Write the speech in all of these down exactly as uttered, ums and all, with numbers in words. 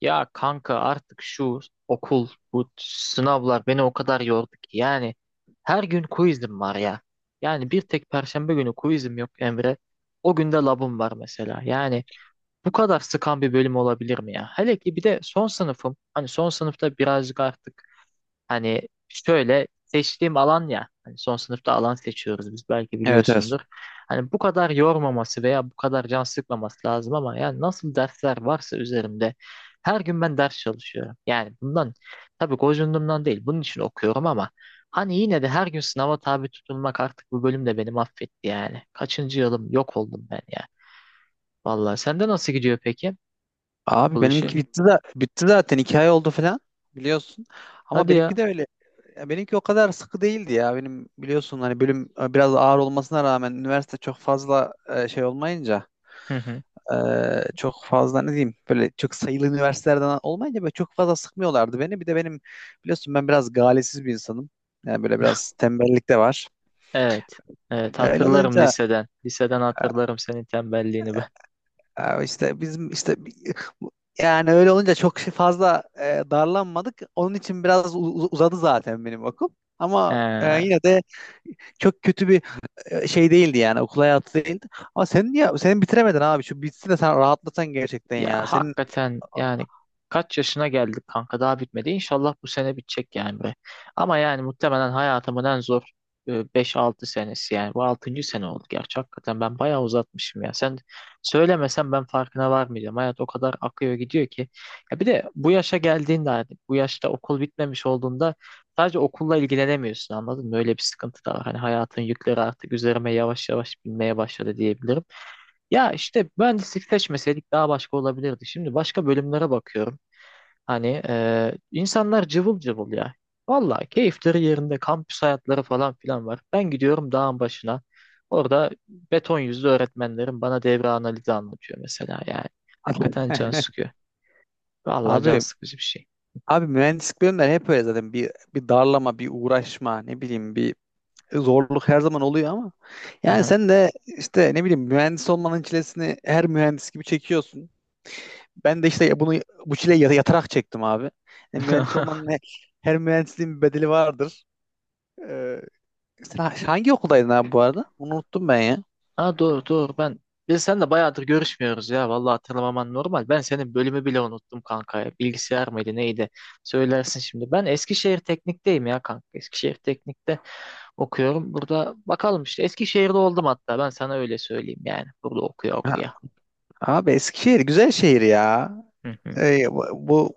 Ya kanka artık şu okul, bu sınavlar beni o kadar yordu ki. Yani her gün quizim var ya. Yani bir tek Perşembe günü quizim yok Emre. O günde labım var mesela. Yani bu kadar sıkan bir bölüm olabilir mi ya? Hele ki bir de son sınıfım. Hani son sınıfta birazcık artık hani şöyle seçtiğim alan ya hani son sınıfta alan seçiyoruz biz, belki Evet evet. biliyorsundur. Hani bu kadar yormaması veya bu kadar can sıkmaması lazım, ama yani nasıl dersler varsa üzerimde her gün ben ders çalışıyorum. Yani bundan tabii gocundumdan değil, bunun için okuyorum, ama hani yine de her gün sınava tabi tutulmak, artık bu bölüm de beni affetti yani. Kaçıncı yılım, yok oldum ben ya. Vallahi sende nasıl gidiyor peki Abi bu işi? benimki bitti de bitti zaten iki ay oldu falan biliyorsun. Ama Hadi benimki ya. de öyle. Ya benimki o kadar sıkı değildi ya. Benim biliyorsun hani bölüm e, biraz ağır olmasına rağmen üniversite çok fazla e, şey olmayınca e, çok fazla ne diyeyim böyle çok sayılı üniversitelerden olmayınca böyle çok fazla sıkmıyorlardı beni. Bir de benim biliyorsun ben biraz galesiz bir insanım. Yani böyle biraz tembellik de var. Evet. Evet, Öyle hatırlarım olunca, liseden. Liseden hatırlarım senin tembelliğini ben. ya işte bizim işte yani öyle olunca çok şey fazla e, darlanmadık. Onun için biraz u- u- uzadı zaten benim okul. Ama e, He. yine de çok kötü bir e, şey değildi yani okul hayatı değildi. Ama sen niye sen bitiremedin abi, şu bitsin de sen rahatlasan gerçekten Ya ya. Senin hakikaten yani kaç yaşına geldik kanka, daha bitmedi. İnşallah bu sene bitecek yani be. Ama yani muhtemelen hayatımın en zor e, beş altı senesi yani. Bu altıncı sene oldu gerçi, hakikaten ben bayağı uzatmışım ya. Sen söylemesen ben farkına varmayacağım. Hayat o kadar akıyor gidiyor ki. Ya bir de bu yaşa geldiğinde, hani bu yaşta okul bitmemiş olduğunda sadece okulla ilgilenemiyorsun, anladın mı? Öyle bir sıkıntı da var. Hani hayatın yükleri artık üzerime yavaş yavaş binmeye başladı diyebilirim. Ya işte mühendislik seçmeseydik daha başka olabilirdi. Şimdi başka bölümlere bakıyorum. Hani eee, insanlar cıvıl cıvıl ya. Vallahi keyifleri yerinde, kampüs hayatları falan filan var. Ben gidiyorum dağın başına. Orada beton yüzlü öğretmenlerim bana devre analizi anlatıyor mesela yani. Hakikaten can sıkıyor. Vallahi can abi sıkıcı bir şey. abi mühendislik bölümleri hep öyle zaten bir bir darlama, bir uğraşma, ne bileyim bir zorluk her zaman oluyor ama Hı yani hı. sen de işte ne bileyim mühendis olmanın çilesini her mühendis gibi çekiyorsun. Ben de işte bunu bu çileyi yata- yatarak çektim abi. Yani mühendis olmanın he- her mühendisliğin bir bedeli vardır. Ee, sen ha- hangi okuldaydın abi bu arada? Onu unuttum ben ya. Ha, doğru doğru, ben biz seninle bayağıdır görüşmüyoruz ya, vallahi hatırlamaman normal. Ben senin bölümü bile unuttum kanka ya. Bilgisayar mıydı neydi? Söylersin şimdi. Ben Eskişehir Teknik'teyim ya kanka. Eskişehir Teknik'te okuyorum. Burada bakalım, işte Eskişehir'de oldum hatta, ben sana öyle söyleyeyim yani. Burada okuya Ha, okuya. abi Eskişehir güzel şehir ya. Hı hı. Ee, bu bu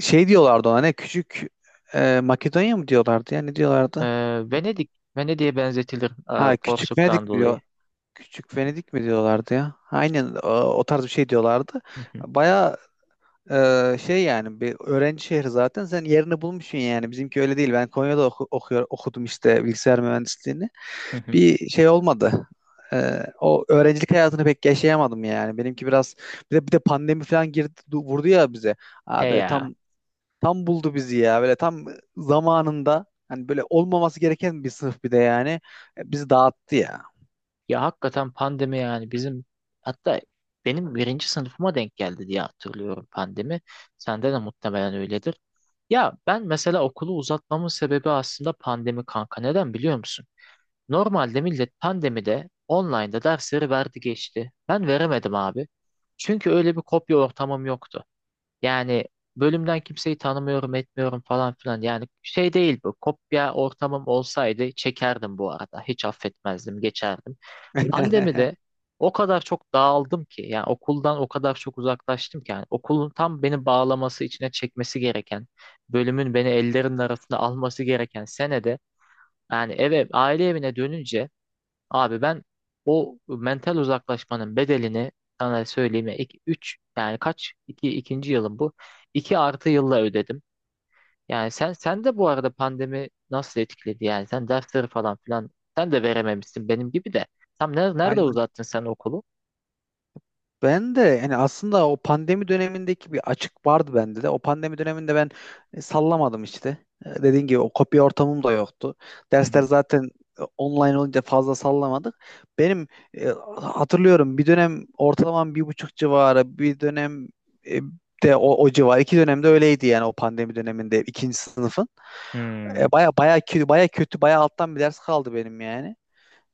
şey diyorlardı ona, ne küçük e, Makedonya mı diyorlardı ya ne diyorlardı? Ee, Venedik, Venedik'e benzetilir e, Ha, küçük Venedik Porsuk'tan mi dolayı. diyor? Küçük Venedik mi diyorlardı ya? Aynen o, o tarz bir şey diyorlardı. Hı hı. Baya. Ee, şey yani bir öğrenci şehri zaten, sen yerini bulmuşsun, yani bizimki öyle değil. Ben Konya'da oku- okuyor, okudum işte bilgisayar mühendisliğini, Hı hı. bir şey olmadı. Ee, o öğrencilik hayatını pek yaşayamadım, yani benimki biraz. Bir de, bir de pandemi falan girdi, du- vurdu ya bize He abi, ya. tam tam buldu bizi ya, böyle tam zamanında, hani böyle olmaması gereken bir sınıf bir de yani. E, bizi dağıttı ya. Ya hakikaten pandemi yani bizim, hatta benim birinci sınıfıma denk geldi diye hatırlıyorum pandemi. Sende de muhtemelen öyledir. Ya ben mesela okulu uzatmamın sebebi aslında pandemi kanka. Neden biliyor musun? Normalde millet pandemide online'da dersleri verdi geçti. Ben veremedim abi. Çünkü öyle bir kopya ortamım yoktu. Yani bölümden kimseyi tanımıyorum etmiyorum falan filan. Yani şey değil bu. Kopya ortamım olsaydı çekerdim bu arada. Hiç affetmezdim, geçerdim. Pandemide o kadar çok dağıldım ki, yani okuldan o kadar çok uzaklaştım ki, yani okulun tam beni bağlaması, içine çekmesi gereken, bölümün beni ellerinin arasına alması gereken senede, yani eve, aile evine dönünce, abi ben o mental uzaklaşmanın bedelini, sana söyleyeyim ya, iki, üç yani kaç, iki, ikinci yılım bu, iki artı yılla ödedim. Yani sen, sen de bu arada pandemi nasıl etkiledi, yani sen dersleri falan filan sen de verememişsin benim gibi de. Tam ne- nerede Aynen. uzattın sen okulu? Ben de yani aslında o pandemi dönemindeki bir açık vardı bende de. O pandemi döneminde ben e, sallamadım işte. E, Dediğin gibi o kopya ortamım da yoktu. Hı Dersler hı. zaten e, online olunca fazla sallamadık. Benim e, hatırlıyorum, bir dönem ortalamam bir buçuk civarı, bir dönem e, de o, o civar. İki dönemde öyleydi yani, o pandemi döneminde ikinci sınıfın. Hmm. E, baya baya kötü, baya kötü, baya alttan bir ders kaldı benim yani.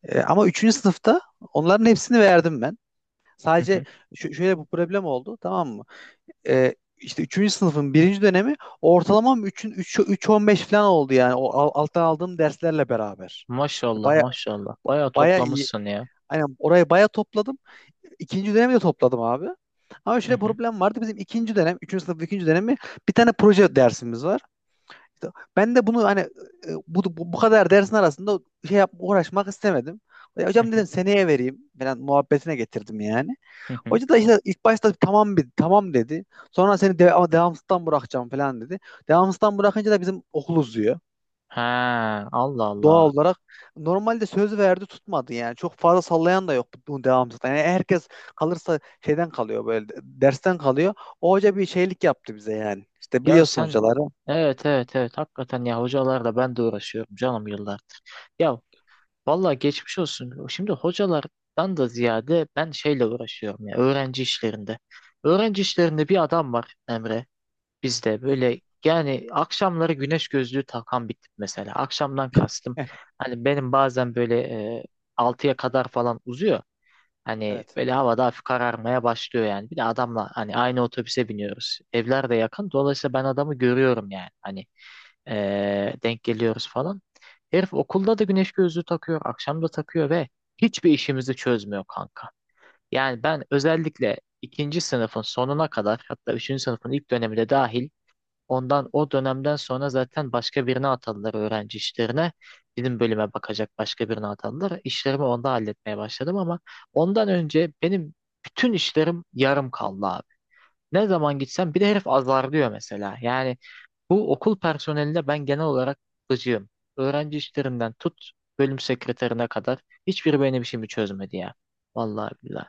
E, ama üçüncü sınıfta onların hepsini verdim ben. Hı Sadece hı. şö- şöyle bu problem oldu, tamam mı? Ee, işte üçüncü sınıfın birinci dönemi ortalamam üçün üç üç virgül on beş falan oldu, yani o al- alttan aldığım derslerle beraber. Yani Maşallah baya maşallah. Bayağı baya iyi. toplamışsın ya. Aynen, orayı baya topladım. İkinci dönemi de topladım abi. Ama Hı şöyle hı. problem vardı. Bizim ikinci dönem, üçüncü sınıf ikinci dönemi bir tane proje dersimiz var. İşte ben de bunu hani e, bu, bu, bu kadar dersin arasında şey yap, uğraşmak istemedim. Ya Hı hocam, hı. dedim seneye vereyim falan muhabbetine getirdim yani. Hı hı. Hoca da işte ilk başta tamam, bir tamam dedi. Sonra seni de, ama devamsızdan bırakacağım falan dedi. Devamsızdan bırakınca da bizim okul uzuyor. Ha, Allah Doğal Allah. olarak normalde söz verdi, tutmadı yani. Çok fazla sallayan da yok bu devamsızdan. Yani herkes kalırsa şeyden kalıyor, böyle dersten kalıyor. O hoca bir şeylik yaptı bize yani. İşte Ya biliyorsun sen, hocaları. evet evet evet, hakikaten ya, hocalarla ben de uğraşıyorum canım yıllardır. Ya vallahi geçmiş olsun. Şimdi hocalardan da ziyade ben şeyle uğraşıyorum ya, öğrenci işlerinde. Öğrenci işlerinde bir adam var Emre. Bizde böyle, yani akşamları güneş gözlüğü takan bir tip mesela. Akşamdan kastım, Heh, hani benim bazen böyle e, altıya kadar falan uzuyor. Hani evet. böyle havada hafif kararmaya başlıyor yani. Bir de adamla hani aynı otobüse biniyoruz. Evler de yakın. Dolayısıyla ben adamı görüyorum yani. Hani e, denk geliyoruz falan. Herif okulda da güneş gözlüğü takıyor. Akşam da takıyor ve hiçbir işimizi çözmüyor kanka. Yani ben özellikle ikinci sınıfın sonuna kadar, hatta üçüncü sınıfın ilk döneminde dahil, ondan, o dönemden sonra zaten başka birine atadılar öğrenci işlerine. Bizim bölüme bakacak başka birine atadılar. İşlerimi onda halletmeye başladım, ama ondan önce benim bütün işlerim yarım kaldı abi. Ne zaman gitsem bir de herif azarlıyor mesela. Yani bu okul personeline ben genel olarak gıcığım. Öğrenci işlerinden tut, bölüm sekreterine kadar hiçbiri benim işimi çözmedi ya. Vallahi billahi.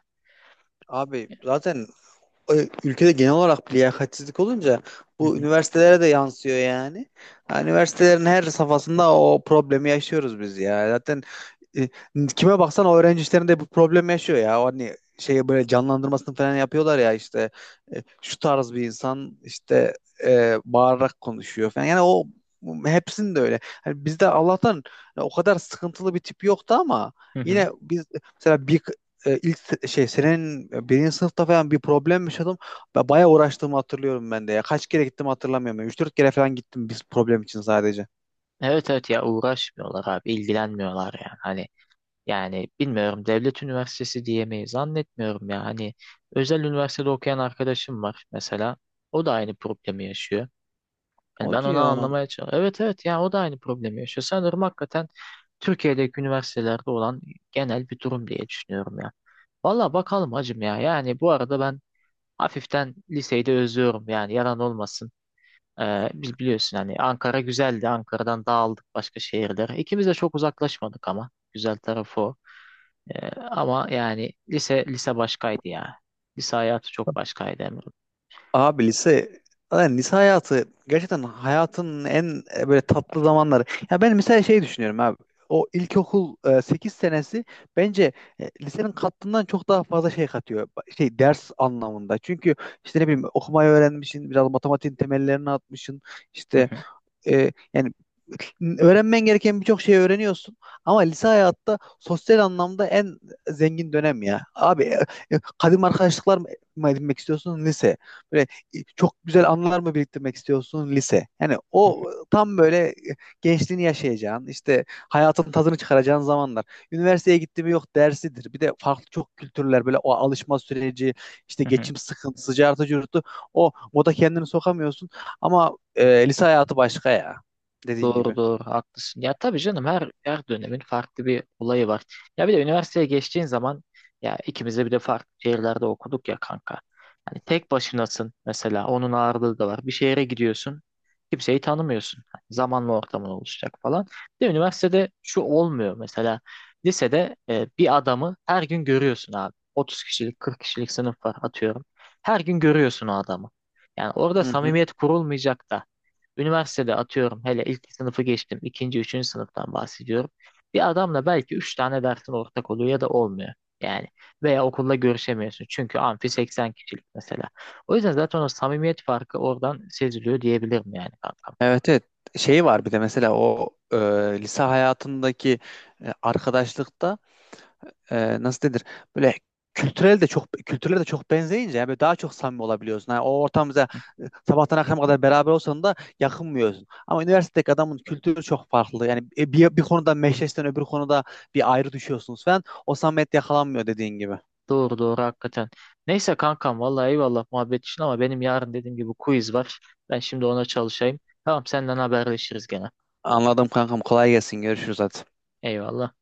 Abi zaten e, ülkede genel olarak bir liyakatsizlik olunca Hı bu hı. üniversitelere de yansıyor yani. Ha, üniversitelerin her safhasında o problemi yaşıyoruz biz ya. Zaten e, kime baksan o öğrenci işlerinde bu problem yaşıyor ya. O hani şey böyle canlandırmasını falan yapıyorlar ya, işte e, şu tarz bir insan işte e, bağırarak konuşuyor falan. Yani o hepsinde öyle. Hani bizde Allah'tan o kadar sıkıntılı bir tip yoktu, ama Hı hı. yine biz mesela bir e, ilk se- şey senin birinci sınıfta falan bir problem yaşadım. Ba- Bayağı uğraştığımı hatırlıyorum ben de ya. Kaç kere gittim hatırlamıyorum. Üç dört kere falan gittim biz problem için sadece. Evet evet, ya uğraşmıyorlar abi, ilgilenmiyorlar yani. Hani yani bilmiyorum, devlet üniversitesi diyemeyiz, zannetmiyorum ya. Hani özel üniversitede okuyan arkadaşım var mesela. O da aynı problemi yaşıyor. Hani ben Hadi onu ya. anlamaya çalışıyorum. Evet evet, ya o da aynı problemi yaşıyor. Sanırım hakikaten Türkiye'deki üniversitelerde olan genel bir durum diye düşünüyorum ya. Valla bakalım hacım ya. Yani bu arada ben hafiften liseyi de özlüyorum yani, yalan olmasın. Ee, biz biliyorsun hani, Ankara güzeldi. Ankara'dan dağıldık başka şehirlere. İkimiz de çok uzaklaşmadık ama. Güzel tarafı o. Ee, ama yani lise lise başkaydı ya. Lise hayatı çok başkaydı Abi lise, yani lise hayatı gerçekten hayatın en e, böyle tatlı zamanları. Ya ben mesela şey düşünüyorum abi. O ilkokul e, sekiz senesi bence e, lisenin kattığından çok daha fazla şey katıyor. Ba- Şey ders anlamında. Çünkü işte ne bileyim okumayı öğrenmişsin, biraz matematiğin temellerini atmışsın. İşte Emre. e, yani öğrenmen gereken birçok şeyi öğreniyorsun, ama lise hayatta sosyal anlamda en zengin dönem ya. Abi e, e, kadim arkadaşlıklar mı mı edinmek istiyorsun lise. Böyle e, çok güzel anılar mı biriktirmek istiyorsun lise. Yani o tam böyle e, gençliğini yaşayacağın, işte hayatın tadını çıkaracağın zamanlar. Üniversiteye gitti mi yok dersidir. Bir de farklı çok kültürler, böyle o alışma süreci, işte geçim sıkıntısı, cartı curtu. O moda kendini sokamıyorsun, ama e, lise hayatı başka ya. Dediğin Doğru gibi. doğru, haklısın. Ya tabii canım, her her dönemin farklı bir olayı var. Ya bir de üniversiteye geçtiğin zaman, ya ikimiz de bir de farklı şehirlerde okuduk ya kanka. Hani tek başınasın mesela, onun ağırlığı da var. Bir şehre gidiyorsun, kimseyi tanımıyorsun. Hani zamanla ortamın oluşacak falan. Bir de üniversitede şu olmuyor mesela, lisede e, bir adamı her gün görüyorsun abi. otuz kişilik, kırk kişilik sınıf var atıyorum. Her gün görüyorsun o adamı. Yani orada Hı hı. samimiyet kurulmayacak da. Üniversitede atıyorum, hele ilk sınıfı geçtim, ikinci, üçüncü sınıftan bahsediyorum. Bir adamla belki üç tane dersin ortak oluyor ya da olmuyor. Yani veya okulda görüşemiyorsun. Çünkü amfi seksen kişilik mesela. O yüzden zaten o samimiyet farkı oradan seziliyor diyebilirim yani kankam. Evet evet. Şey var bir de mesela o e, lise hayatındaki e, arkadaşlıkta e, nasıl denir? Böyle kültürel de çok, kültürel de çok benzeyince yani böyle daha çok samimi olabiliyorsun. Yani o ortamda Hı. e, sabahtan akşama kadar beraber olsan da yakınmıyorsun. Ama üniversitedeki adamın kültürü çok farklı. Yani e, bir, bir konuda meşleşten öbür konuda bir ayrı düşüyorsunuz falan. O samimiyet yakalanmıyor, dediğin gibi. Doğru doğru, hakikaten. Neyse kankam, vallahi eyvallah muhabbet için ama benim yarın dediğim gibi quiz var. Ben şimdi ona çalışayım. Tamam, senden haberleşiriz gene. Anladım kankam. Kolay gelsin. Görüşürüz hadi. Eyvallah.